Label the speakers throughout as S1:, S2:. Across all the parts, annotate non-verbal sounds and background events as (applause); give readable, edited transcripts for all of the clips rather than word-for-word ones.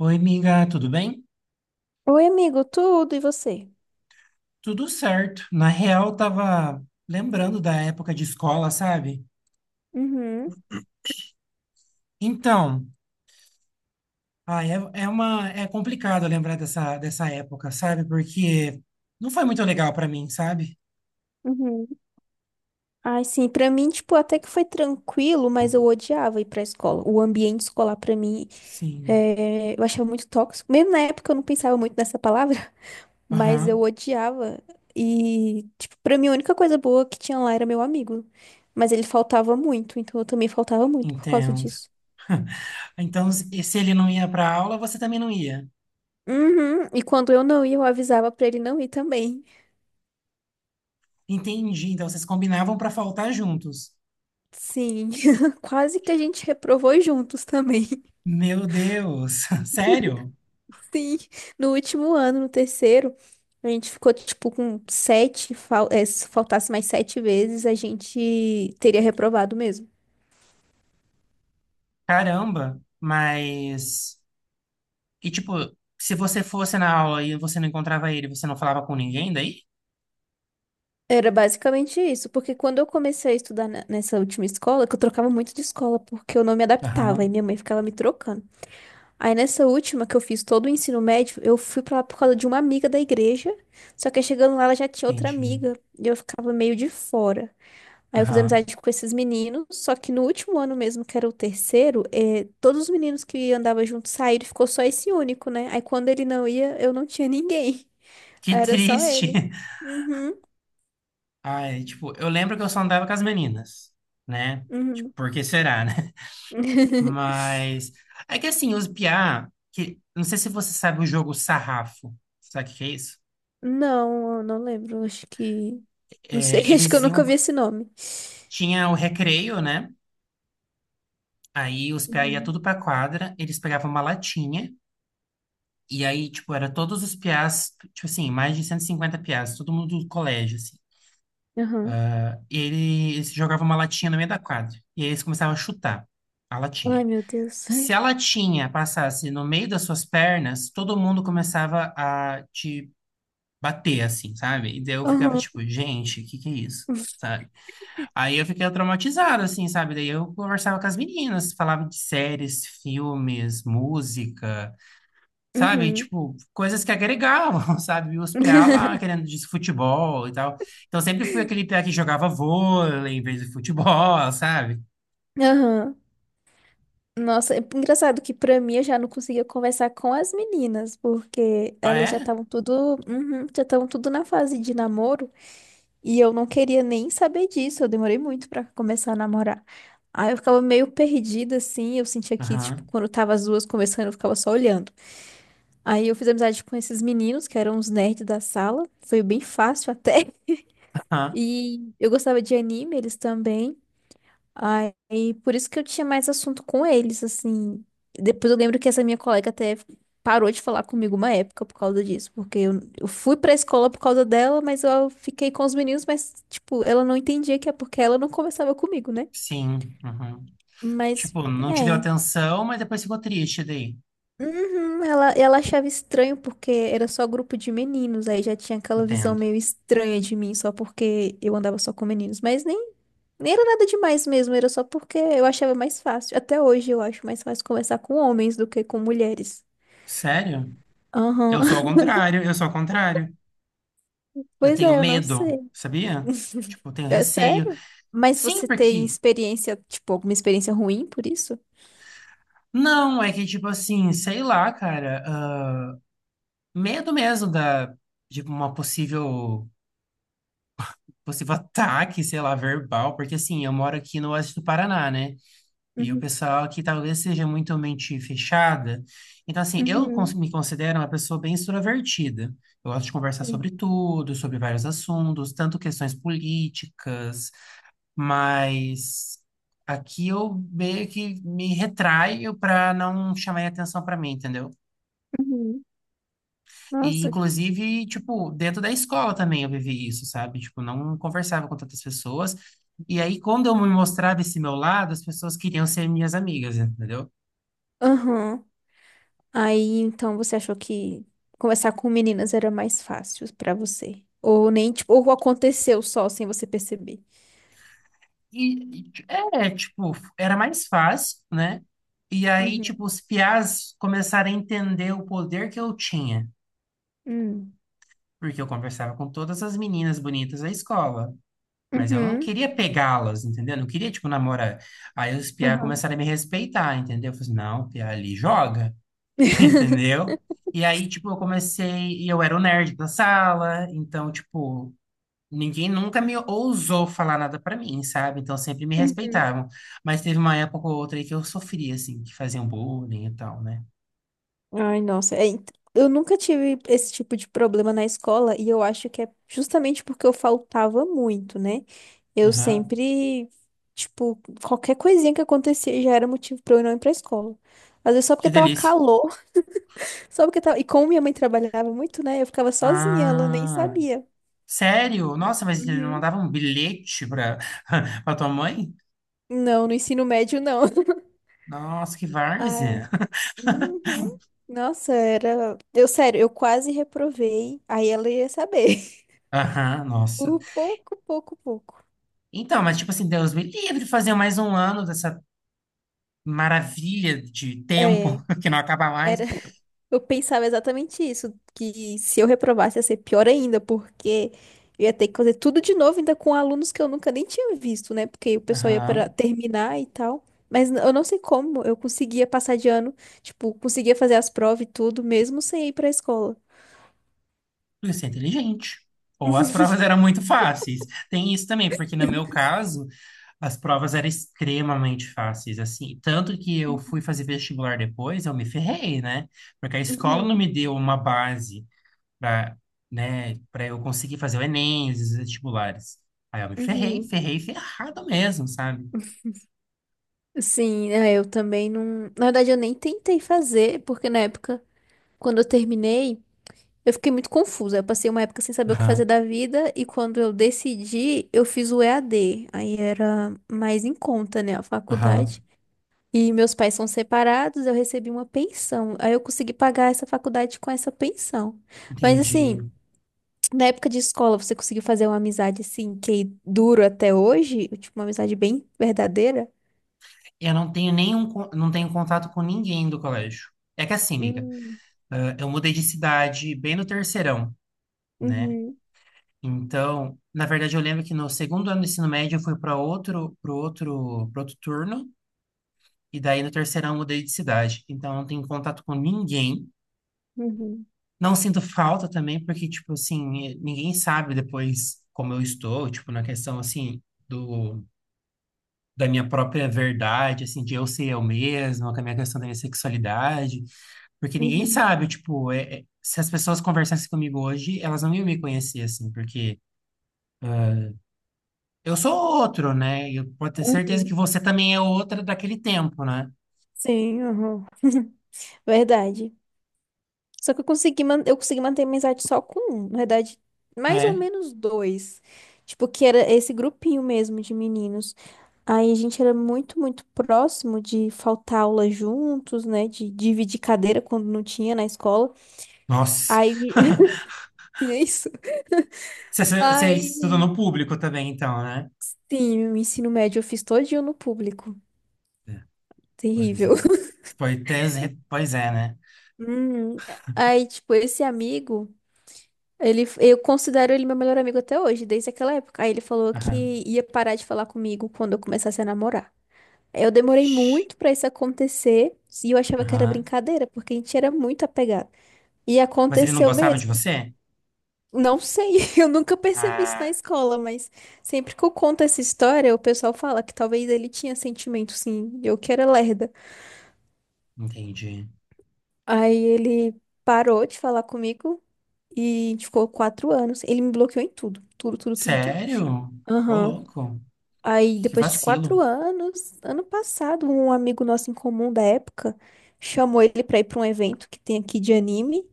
S1: Oi, amiga, tudo bem?
S2: Oi, amigo, tudo e você?
S1: Tudo certo. Na real, tava lembrando da época de escola, sabe?
S2: Uhum,
S1: Então, ah, é, é uma é complicado lembrar dessa época, sabe? Porque não foi muito legal pra mim, sabe?
S2: uhum. Ai, sim, pra mim, tipo, até que foi tranquilo, mas eu odiava ir pra escola. O ambiente escolar, pra mim,
S1: Sim.
S2: eu achava muito tóxico. Mesmo na época eu não pensava muito nessa palavra, (laughs) mas eu
S1: Aham,
S2: odiava. E, tipo, pra mim a única coisa boa que tinha lá era meu amigo. Mas ele faltava muito, então eu também faltava muito por causa
S1: entendo.
S2: disso.
S1: (laughs) Então, se ele não ia pra aula, você também não ia.
S2: Uhum, e quando eu não ia, eu avisava pra ele não ir também.
S1: Entendi. Então, vocês combinavam pra faltar juntos.
S2: Sim, (laughs) quase que a gente reprovou juntos também.
S1: Meu Deus, (laughs) sério?
S2: Sim, no último ano, no terceiro, a gente ficou tipo com sete, se faltasse mais sete vezes, a gente teria reprovado mesmo.
S1: Caramba. Mas, tipo, se você fosse na aula e você não encontrava ele, você não falava com ninguém daí?
S2: Era basicamente isso, porque quando eu comecei a estudar nessa última escola, que eu trocava muito de escola, porque eu não me adaptava, e
S1: Aham,
S2: minha mãe ficava me trocando. Aí nessa última que eu fiz todo o ensino médio, eu fui pra lá por causa de uma amiga da igreja, só que aí chegando lá ela já tinha outra
S1: entendi.
S2: amiga, e eu ficava meio de fora. Aí eu fiz
S1: Aham.
S2: amizade com esses meninos, só que no último ano mesmo, que era o terceiro, todos os meninos que andava junto saíram, ficou só esse único, né? Aí quando ele não ia, eu não tinha ninguém.
S1: Que
S2: (laughs) Era só
S1: triste.
S2: ele.
S1: (laughs)
S2: Uhum,
S1: Ai, tipo, eu lembro que eu só andava com as meninas, né? Tipo,
S2: uhum.
S1: por que será, né?
S2: (laughs)
S1: Mas é que assim, os piá, que não sei se você sabe o jogo Sarrafo. Sabe o que que é isso?
S2: Não, eu não lembro, acho que. Não sei,
S1: É,
S2: (laughs) acho que eu
S1: eles
S2: nunca
S1: iam
S2: vi esse nome.
S1: tinha o recreio, né? Aí os piá ia
S2: Uhum.
S1: tudo pra quadra, eles pegavam uma latinha. E aí, tipo, era todos os piás, tipo assim, mais de 150 piás, todo mundo do colégio, assim.
S2: Aham.
S1: Eles jogavam uma latinha no meio da quadra. E aí eles começavam a chutar a
S2: Ai,
S1: latinha.
S2: meu Deus.
S1: Se a
S2: (laughs)
S1: latinha passasse no meio das suas pernas, todo mundo começava a te bater, assim, sabe? E daí eu ficava
S2: Aham.
S1: tipo, gente, o que que é isso? Sabe? Aí eu fiquei traumatizado, assim, sabe? Daí eu conversava com as meninas, falava de séries, filmes, música. Sabe?
S2: Uhum.
S1: Tipo, coisas que agregavam, (laughs) sabe? E os PA
S2: (laughs)
S1: lá querendo disso futebol e tal. Então sempre fui aquele PA que jogava vôlei em vez de futebol, (laughs) sabe?
S2: Aham. Nossa, é engraçado que pra mim eu já não conseguia conversar com as meninas, porque
S1: Ah,
S2: elas já
S1: é?
S2: estavam tudo, uhum, já estavam tudo na fase de namoro e eu não queria nem saber disso. Eu demorei muito pra começar a namorar. Aí eu ficava meio perdida assim, eu sentia que tipo
S1: Aham,
S2: quando tava as duas conversando, eu ficava só olhando. Aí eu fiz amizade com esses meninos que eram os nerds da sala, foi bem fácil até. (laughs)
S1: aham,
S2: E eu gostava de anime, eles também. Aí, por isso que eu tinha mais assunto com eles, assim. Depois eu lembro que essa minha colega até parou de falar comigo uma época por causa disso, porque eu fui pra escola por causa dela, mas eu fiquei com os meninos, mas, tipo, ela não entendia que é porque ela não conversava comigo, né?
S1: sim, aham.
S2: Mas,
S1: Tipo, não te deu
S2: é.
S1: atenção, mas depois ficou triste daí.
S2: Uhum, ela achava estranho porque era só grupo de meninos, aí já tinha aquela visão
S1: Entendo.
S2: meio estranha de mim, só porque eu andava só com meninos, mas nem era nada demais mesmo, era só porque eu achava mais fácil. Até hoje eu acho mais fácil conversar com homens do que com mulheres.
S1: Sério?
S2: Aham.
S1: Eu sou ao
S2: (laughs)
S1: contrário, eu sou ao contrário. Eu
S2: Pois
S1: tenho
S2: é, eu não sei.
S1: medo, sabia?
S2: (laughs)
S1: Tipo, eu tenho
S2: É
S1: receio.
S2: sério? Mas
S1: Sim,
S2: você tem
S1: porque...
S2: experiência, tipo, alguma experiência ruim por isso?
S1: Não, é que tipo assim, sei lá, cara. Medo mesmo da de uma possível (laughs) ataque, sei lá, verbal, porque assim, eu moro aqui no oeste do Paraná, né? E o
S2: Uhum,
S1: pessoal aqui talvez seja muito mente fechada. Então assim, eu
S2: uhum,
S1: me considero uma pessoa bem extrovertida. Eu gosto de conversar
S2: sim.
S1: sobre tudo, sobre vários assuntos, tanto questões políticas, mas aqui eu meio que me retraio para não chamar atenção para mim, entendeu?
S2: Uhum.
S1: E,
S2: Nossa.
S1: inclusive, tipo, dentro da escola também eu vivi isso, sabe? Tipo, não conversava com tantas pessoas. E aí, quando eu me mostrava esse meu lado, as pessoas queriam ser minhas amigas, entendeu?
S2: Aham. Aí, então, você achou que conversar com meninas era mais fácil pra você? Ou nem, tipo, ou aconteceu só sem você perceber?
S1: E, e, tipo, era mais fácil, né? E aí,
S2: Uhum.
S1: tipo, os piás começaram a entender o poder que eu tinha.
S2: Hum.
S1: Porque eu conversava com todas as meninas bonitas da escola. Mas eu não
S2: Uhum.
S1: queria pegá-las, entendeu? Eu não queria, tipo, namorar. Aí os piá
S2: Aham.
S1: começaram a me respeitar, entendeu? Eu falei, assim, não, o piá ali joga. (laughs) Entendeu? E aí, tipo, eu comecei, e eu era o nerd da sala, então, tipo, ninguém nunca me ousou falar nada pra mim, sabe? Então, sempre me
S2: Uhum.
S1: respeitavam. Mas teve uma época ou outra aí que eu sofria, assim, que faziam bullying e tal, né?
S2: Ai, nossa. É, eu nunca tive esse tipo de problema na escola e eu acho que é justamente porque eu faltava muito, né? Eu
S1: Aham.
S2: sempre, tipo, qualquer coisinha que acontecia já era motivo pra eu não ir pra escola. Às vezes só
S1: Que
S2: porque tava
S1: delícia.
S2: calor. Só porque tava... E como minha mãe trabalhava muito, né? Eu ficava sozinha, ela nem
S1: Ah,
S2: sabia.
S1: sério? Nossa, mas eles não
S2: Uhum.
S1: mandavam um bilhete pra, (laughs) pra tua mãe?
S2: Não, no ensino médio não. (laughs)
S1: Nossa, que
S2: Ah, é.
S1: várzea.
S2: Uhum. Nossa, era. Eu, sério, eu quase reprovei. Aí ela ia saber.
S1: (laughs) Aham,
S2: (laughs)
S1: nossa.
S2: Por pouco, pouco, pouco.
S1: Então, mas tipo assim, Deus me livre de fazer mais um ano dessa maravilha de tempo
S2: É,
S1: (laughs) que não acaba mais.
S2: era. Eu pensava exatamente isso, que se eu reprovasse ia ser pior ainda, porque eu ia ter que fazer tudo de novo, ainda com alunos que eu nunca nem tinha visto, né? Porque o pessoal ia para
S1: Aham.
S2: terminar e tal. Mas eu não sei como, eu conseguia passar de ano, tipo, conseguia fazer as provas e tudo, mesmo sem ir pra escola.
S1: Porque você é inteligente. Ou as
S2: (laughs)
S1: provas eram muito fáceis. Tem isso também, porque no meu caso, as provas eram extremamente fáceis, assim. Tanto que eu fui fazer vestibular depois, eu me ferrei, né? Porque a escola não
S2: Uhum,
S1: me deu uma base para, né, para eu conseguir fazer o Enem, os vestibulares. Aí eu me ferrei,
S2: uhum.
S1: ferrei, ferrado mesmo, sabe?
S2: Sim, é, eu também não. Na verdade, eu nem tentei fazer, porque na época, quando eu terminei. Eu fiquei muito confusa. Eu passei uma época sem saber o que fazer
S1: Aham,
S2: da vida e quando eu decidi, eu fiz o EAD. Aí era mais em conta, né, a
S1: aham,
S2: faculdade. E meus pais são separados, eu recebi uma pensão. Aí eu consegui pagar essa faculdade com essa pensão. Mas
S1: entendi.
S2: assim, na época de escola, você conseguiu fazer uma amizade assim que dura até hoje? Tipo, uma amizade bem verdadeira?
S1: Eu não tenho nenhum, não tenho contato com ninguém do colégio. É que assim, amiga,
S2: Hum,
S1: ah, eu mudei de cidade bem no terceirão, né?
S2: uhum,
S1: Então, na verdade, eu lembro que no segundo ano do ensino médio eu fui para outro, para outro turno, e daí no terceirão eu mudei de cidade. Então, eu não tenho contato com ninguém.
S2: uhum,
S1: Não sinto falta também, porque, tipo assim, ninguém sabe depois como eu estou, tipo, na questão, assim, do da minha própria verdade, assim, de eu ser eu mesma, com a minha questão da minha sexualidade, porque ninguém
S2: uhum,
S1: sabe, tipo, se as pessoas conversassem comigo hoje, elas não iam me conhecer, assim, porque eu sou outro, né? E eu posso ter certeza
S2: uhum.
S1: que você também é outra daquele tempo, né?
S2: Sim, uhum. (laughs) Verdade. Só que eu consegui manter a amizade só com um, na verdade, mais ou
S1: É.
S2: menos dois. Tipo, que era esse grupinho mesmo de meninos. Aí a gente era muito, muito próximo de faltar aula juntos, né? De dividir cadeira quando não tinha na escola.
S1: Nossa.
S2: Aí, (laughs)
S1: (laughs)
S2: e é isso.
S1: Você, você
S2: Aí,
S1: estuda no público também, então, né?
S2: sim, o ensino médio eu fiz todinho no público.
S1: É, pois
S2: Terrível.
S1: é.
S2: (laughs)
S1: Pois é, né?
S2: Hum, aí, tipo, esse amigo. Ele, eu considero ele meu melhor amigo até hoje, desde aquela época. Aí ele falou
S1: Aham.
S2: que ia parar de falar comigo quando eu começasse a namorar. Eu demorei
S1: Ixi.
S2: muito pra isso acontecer e eu achava que era
S1: Aham.
S2: brincadeira, porque a gente era muito apegado. E
S1: Mas ele não
S2: aconteceu
S1: gostava de
S2: mesmo.
S1: você?
S2: Não sei, (laughs) eu nunca percebi isso na
S1: Ah,
S2: escola, mas sempre que eu conto essa história, o pessoal fala que talvez ele tinha sentimento, sim, eu que era lerda.
S1: entendi.
S2: Aí ele parou de falar comigo e a gente ficou 4 anos. Ele me bloqueou em tudo, tudo, tudo, tudo, tudo.
S1: Sério? Ô,
S2: Aham.
S1: louco.
S2: Aí,
S1: Que
S2: depois de quatro
S1: vacilo.
S2: anos, ano passado, um amigo nosso em comum da época chamou ele pra ir pra um evento que tem aqui de anime.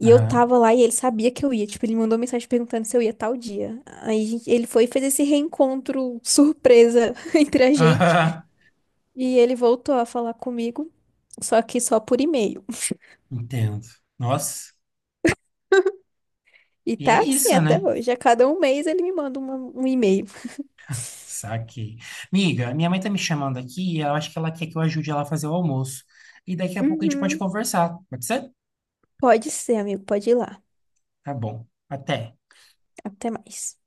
S2: E eu
S1: Aham.
S2: tava lá e ele sabia que eu ia. Tipo, ele mandou mensagem perguntando se eu ia tal dia. Aí ele foi e fez esse reencontro surpresa (laughs) entre a
S1: (laughs)
S2: gente.
S1: Aham.
S2: E ele voltou a falar comigo, só que só por e-mail.
S1: Entendo. Nossa.
S2: E
S1: E é
S2: tá assim
S1: isso,
S2: até
S1: né?
S2: hoje. A cada um mês ele me manda um e-mail.
S1: Saquei. Miga, minha mãe tá me chamando aqui e eu acho que ela quer que eu ajude ela a fazer o almoço. E daqui a pouco a gente pode
S2: Uhum.
S1: conversar. Pode ser?
S2: Pode ser, amigo, pode ir lá.
S1: Tá bom. Até.
S2: Até mais.